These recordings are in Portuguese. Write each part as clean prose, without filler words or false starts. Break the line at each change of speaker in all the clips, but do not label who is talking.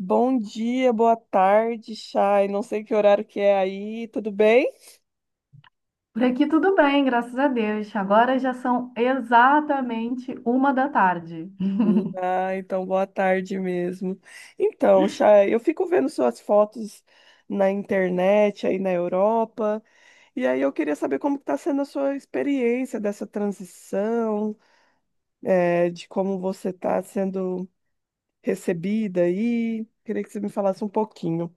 Bom dia, boa tarde, Chay. Não sei que horário que é aí, tudo bem?
Por aqui tudo bem, graças a Deus. Agora já são exatamente uma da tarde.
Então boa tarde mesmo. Então, Chay, eu fico vendo suas fotos na internet aí na Europa, e aí eu queria saber como está sendo a sua experiência dessa transição, de como você está sendo recebida aí. Queria que você me falasse um pouquinho.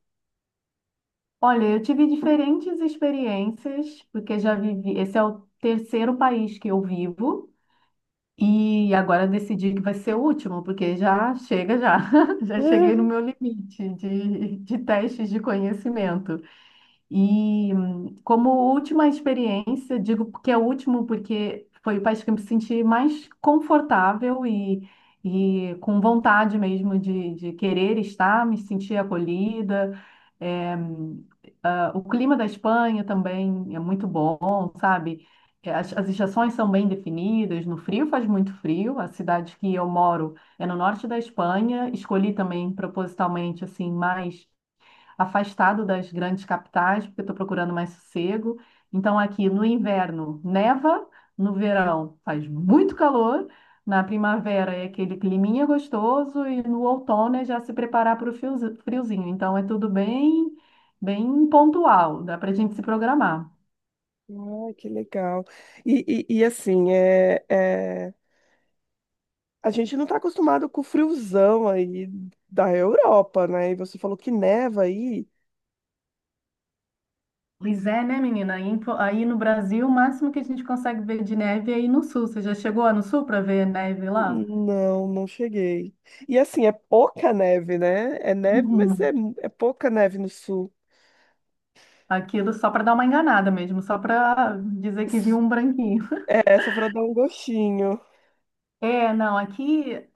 Olha, eu tive diferentes experiências, porque já vivi. Esse é o terceiro país que eu vivo, e agora eu decidi que vai ser o último, porque já chega já. Já cheguei no meu limite de testes de conhecimento. E como última experiência, digo que é o último porque foi o país que eu me senti mais confortável e com vontade mesmo de querer estar, me sentir acolhida. É, o clima da Espanha também é muito bom, sabe? É, as estações são bem definidas, no frio faz muito frio, a cidade que eu moro é no norte da Espanha, escolhi também propositalmente assim mais afastado das grandes capitais, porque estou procurando mais sossego. Então, aqui no inverno neva, no verão faz muito calor, na primavera é aquele climinha gostoso e no outono é já se preparar para o friozinho. Então, é tudo bem, bem pontual, dá para a gente se programar.
Ah, que legal. E assim, a gente não tá acostumado com o friozão aí da Europa, né? E você falou que neva aí.
Pois é, né, menina? Aí no Brasil, o máximo que a gente consegue ver de neve é aí no sul. Você já chegou lá no sul para ver neve lá?
Não, não cheguei. E assim, é pouca neve, né? É neve, mas
Uhum.
é pouca neve no sul.
Aquilo só para dar uma enganada mesmo, só para dizer que viu um branquinho.
É, só pra dar um gostinho.
É, não, aqui, eh,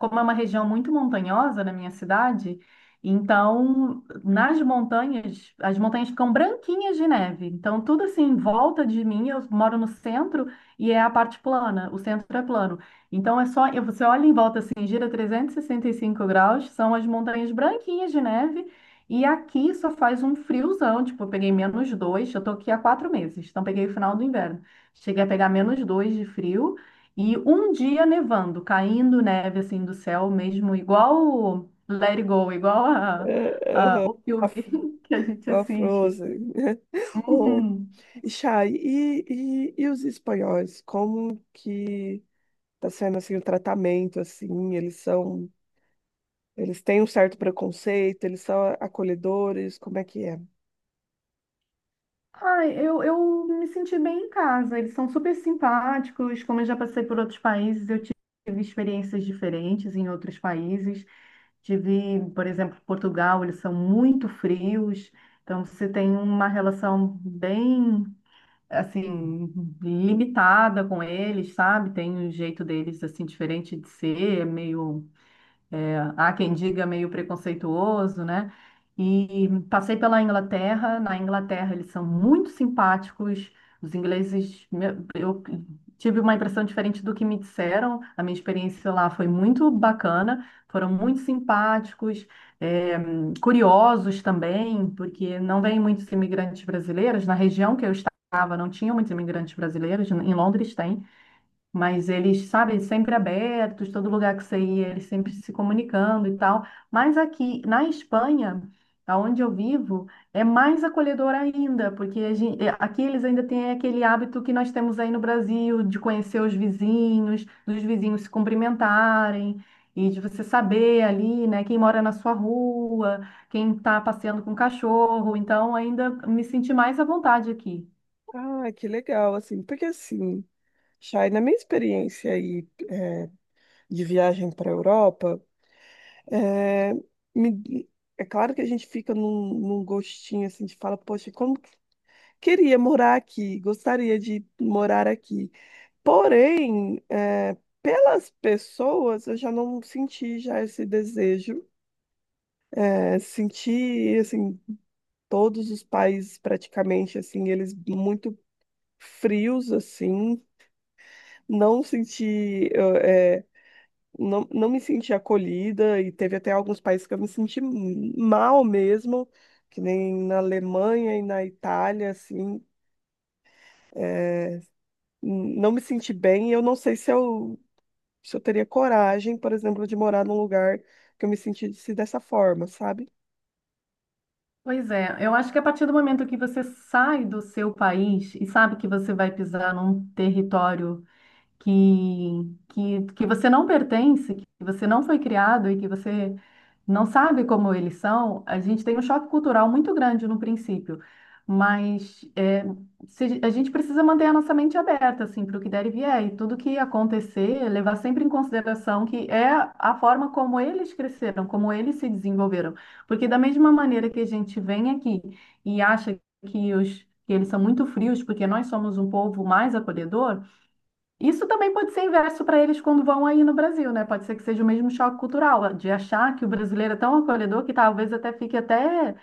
como é uma região muito montanhosa na minha cidade, então nas montanhas, as montanhas ficam branquinhas de neve. Então, tudo assim em volta de mim, eu moro no centro e é a parte plana, o centro é plano. Então, é só, você olha em volta assim, gira 365 graus, são as montanhas branquinhas de neve. E aqui só faz um friozão, tipo, eu peguei -2, eu tô aqui há 4 meses, então peguei o final do inverno. Cheguei a pegar -2 de frio. E um dia nevando, caindo neve assim do céu mesmo, igual o Let It Go, igual o
A,
filme
fr-
que a gente
a
assiste.
Frozen. Oh,
Uhum.
e Chay, e os espanhóis? Como que tá sendo assim o tratamento, assim? Eles são, eles têm um certo preconceito, eles são acolhedores, como é que é?
Ai, eu me senti bem em casa. Eles são super simpáticos. Como eu já passei por outros países, eu tive experiências diferentes em outros países. Tive, por exemplo, Portugal, eles são muito frios. Então, você tem uma relação bem assim, limitada com eles, sabe? Tem um jeito deles, assim, diferente de ser, é meio. É, há quem diga meio preconceituoso, né? E passei pela Inglaterra. Na Inglaterra, eles são muito simpáticos. Os ingleses, eu tive uma impressão diferente do que me disseram. A minha experiência lá foi muito bacana. Foram muito simpáticos, é, curiosos também, porque não vêm muitos imigrantes brasileiros. Na região que eu estava, não tinham muitos imigrantes brasileiros. Em Londres tem. Mas eles, sabe, sempre abertos, todo lugar que você ia, eles sempre se comunicando e tal. Mas aqui na Espanha, aonde eu vivo, é mais acolhedor ainda, porque é, aqui eles ainda têm aquele hábito que nós temos aí no Brasil, de conhecer os vizinhos, dos vizinhos se cumprimentarem, e de você saber ali, né, quem mora na sua rua, quem está passeando com o cachorro. Então, ainda me senti mais à vontade aqui.
Ah, que legal, assim, porque assim, Chay, na minha experiência aí de viagem para a Europa, é, me- é claro que a gente fica num gostinho assim de fala, poxa, queria morar aqui, gostaria de morar aqui. Porém, é, pelas pessoas, eu já não senti já esse desejo. É, senti, assim, todos os países praticamente, assim, eles muito frios, assim, não senti, não, não me senti acolhida e teve até alguns países que eu me senti mal mesmo, que nem na Alemanha e na Itália, assim, não me senti bem. Eu não sei se eu teria coragem, por exemplo, de morar num lugar que eu me sentisse dessa forma, sabe?
Pois é, eu acho que a partir do momento que você sai do seu país e sabe que você vai pisar num território que você não pertence, que você não foi criado e que você não sabe como eles são, a gente tem um choque cultural muito grande no princípio. Mas é, a gente precisa manter a nossa mente aberta assim, para o que der e vier, e tudo que acontecer, levar sempre em consideração que é a forma como eles cresceram, como eles se desenvolveram. Porque da mesma maneira que a gente vem aqui e acha que eles são muito frios, porque nós somos um povo mais acolhedor, isso também pode ser inverso para eles quando vão aí no Brasil, né? Pode ser que seja o mesmo choque cultural, de achar que o brasileiro é tão acolhedor que talvez até fique até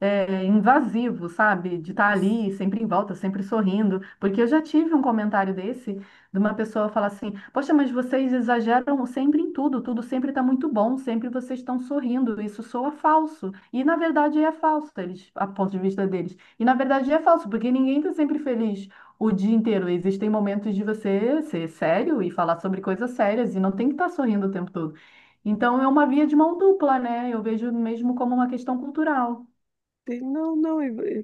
invasivo, sabe? De estar ali,
Isso.
sempre em volta, sempre sorrindo. Porque eu já tive um comentário desse, de uma pessoa falar assim: Poxa, mas vocês exageram sempre em tudo, tudo sempre está muito bom, sempre vocês estão sorrindo, isso soa falso. E na verdade é falso, eles, a ponto de vista deles. E na verdade é falso, porque ninguém está sempre feliz o dia inteiro. Existem momentos de você ser sério e falar sobre coisas sérias e não tem que estar sorrindo o tempo todo. Então é uma via de mão dupla, né? Eu vejo mesmo como uma questão cultural.
Não, não,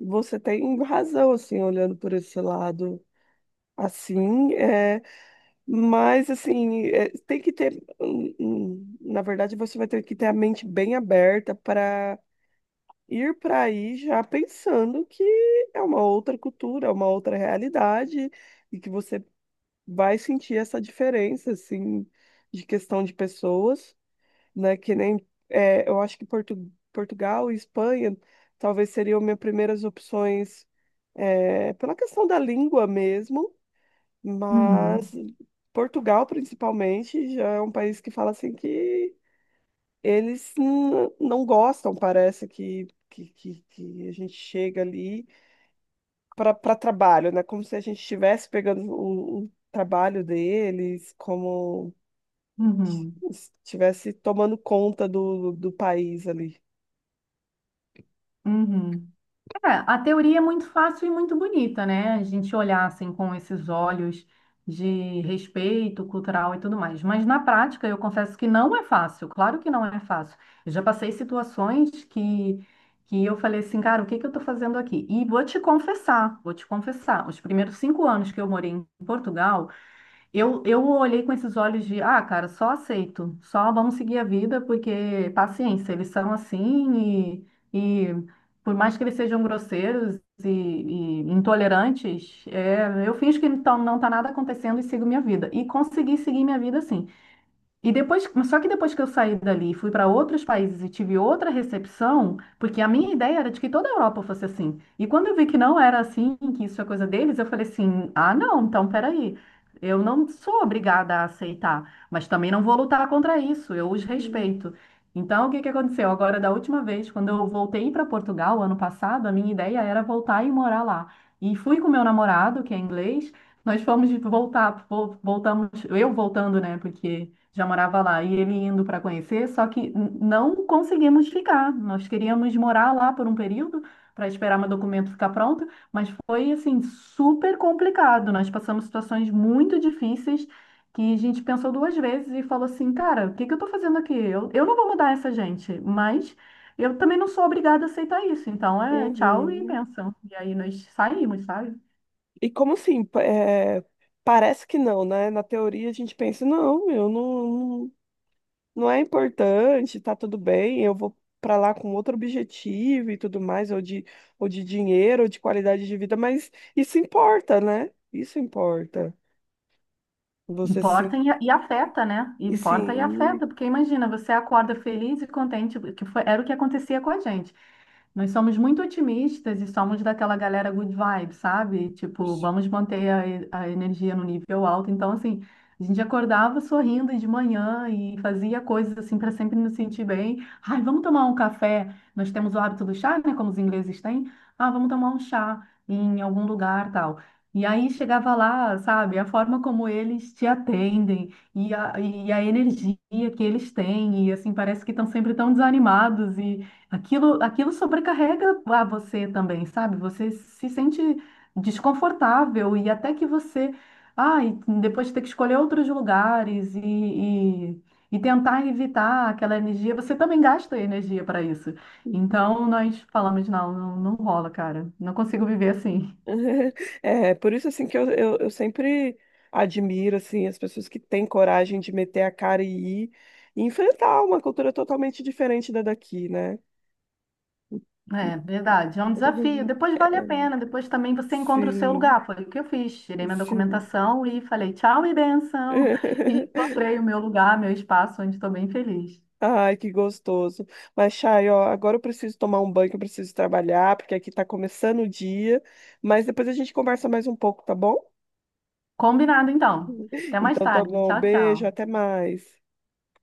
e você tem razão, assim, olhando por esse lado. Assim, é, mas, assim, é, tem que ter na verdade, você vai ter que ter a mente bem aberta para ir para aí já pensando que é uma outra cultura, é uma outra realidade, e que você vai sentir essa diferença, assim, de questão de pessoas, né? Que nem. É, eu acho que Portugal e Espanha talvez seriam minhas primeiras opções, é, pela questão da língua mesmo,
Uhum,
mas Portugal, principalmente, já é um país que fala assim que eles não gostam, parece que a gente chega ali para trabalho, né? Como se a gente estivesse pegando o trabalho deles, como
uhum,
estivesse tomando conta do país ali.
uhum. É, a teoria é muito fácil e muito bonita, né? A gente olhar assim com esses olhos de respeito cultural e tudo mais. Mas na prática, eu confesso que não é fácil. Claro que não é fácil. Eu já passei situações que eu falei assim, cara, o que que eu tô fazendo aqui? E vou te confessar. Os primeiros 5 anos que eu morei em Portugal, eu olhei com esses olhos de, ah, cara, só aceito, só vamos seguir a vida, porque paciência, eles são assim e por mais que eles sejam grosseiros e intolerantes, é, eu finjo que então não está nada acontecendo e sigo minha vida. E consegui seguir minha vida assim. E depois, só que depois que eu saí dali, e fui para outros países e tive outra recepção, porque a minha ideia era de que toda a Europa fosse assim. E quando eu vi que não era assim, que isso é coisa deles, eu falei assim: ah, não, então peraí. Eu não sou obrigada a aceitar, mas também não vou lutar contra isso, eu os
Hum.
respeito. Então, o que que aconteceu? Agora, da última vez, quando eu voltei para Portugal, ano passado, a minha ideia era voltar e morar lá. E fui com meu namorado, que é inglês, nós fomos voltar, voltamos, eu voltando, né, porque já morava lá, e ele indo para conhecer, só que não conseguimos ficar. Nós queríamos morar lá por um período para esperar meu documento ficar pronto, mas foi assim super complicado. Nós passamos situações muito difíceis que a gente pensou duas vezes e falou assim, cara, o que que eu tô fazendo aqui? Eu não vou mudar essa gente, mas eu também não sou obrigada a aceitar isso. Então é tchau e
Uhum.
benção. E aí nós saímos, sabe?
E como assim? Parece que não, né? Na teoria a gente pensa, não, eu não. Não é importante, tá tudo bem, eu vou para lá com outro objetivo e tudo mais, ou de dinheiro, ou de qualidade de vida, mas isso importa, né? Isso importa. Você sim,
Importa e afeta, né?
e
Importa e
sim.
afeta, porque imagina, você acorda feliz e contente, que foi, era o que acontecia com a gente. Nós somos muito otimistas e somos daquela galera good vibe, sabe? Tipo, vamos manter a energia no nível alto. Então, assim, a gente acordava sorrindo de manhã e fazia coisas assim para sempre nos sentir bem. Ai, vamos tomar um café. Nós temos o hábito do chá, né? Como os ingleses têm. Ah, vamos tomar um chá em algum lugar, tal. E aí chegava lá, sabe? A forma como eles te atendem e a energia que eles têm. E assim, parece que estão sempre tão desanimados. Aquilo sobrecarrega a você também, sabe? Você se sente desconfortável e até que você, ai, depois ter que escolher outros lugares e tentar evitar aquela energia, você também gasta energia para isso. Então nós falamos, não, não, não rola, cara. Não consigo viver assim.
É, por isso assim que eu sempre admiro assim as pessoas que têm coragem de meter a cara e ir e enfrentar uma cultura totalmente diferente da daqui, né?
É verdade, é um desafio. Depois vale a pena, depois também você encontra o seu
Sim,
lugar. Foi o que eu fiz. Tirei minha
sim.
documentação e falei tchau e benção. E encontrei o meu lugar, meu espaço, onde estou bem feliz.
Ai, que gostoso. Mas, Chay, ó, agora eu preciso tomar um banho, que eu preciso trabalhar, porque aqui tá começando o dia. Mas depois a gente conversa mais um pouco, tá bom?
Combinado, então. Até mais
Então tá
tarde.
bom.
Tchau,
Beijo,
tchau.
até mais.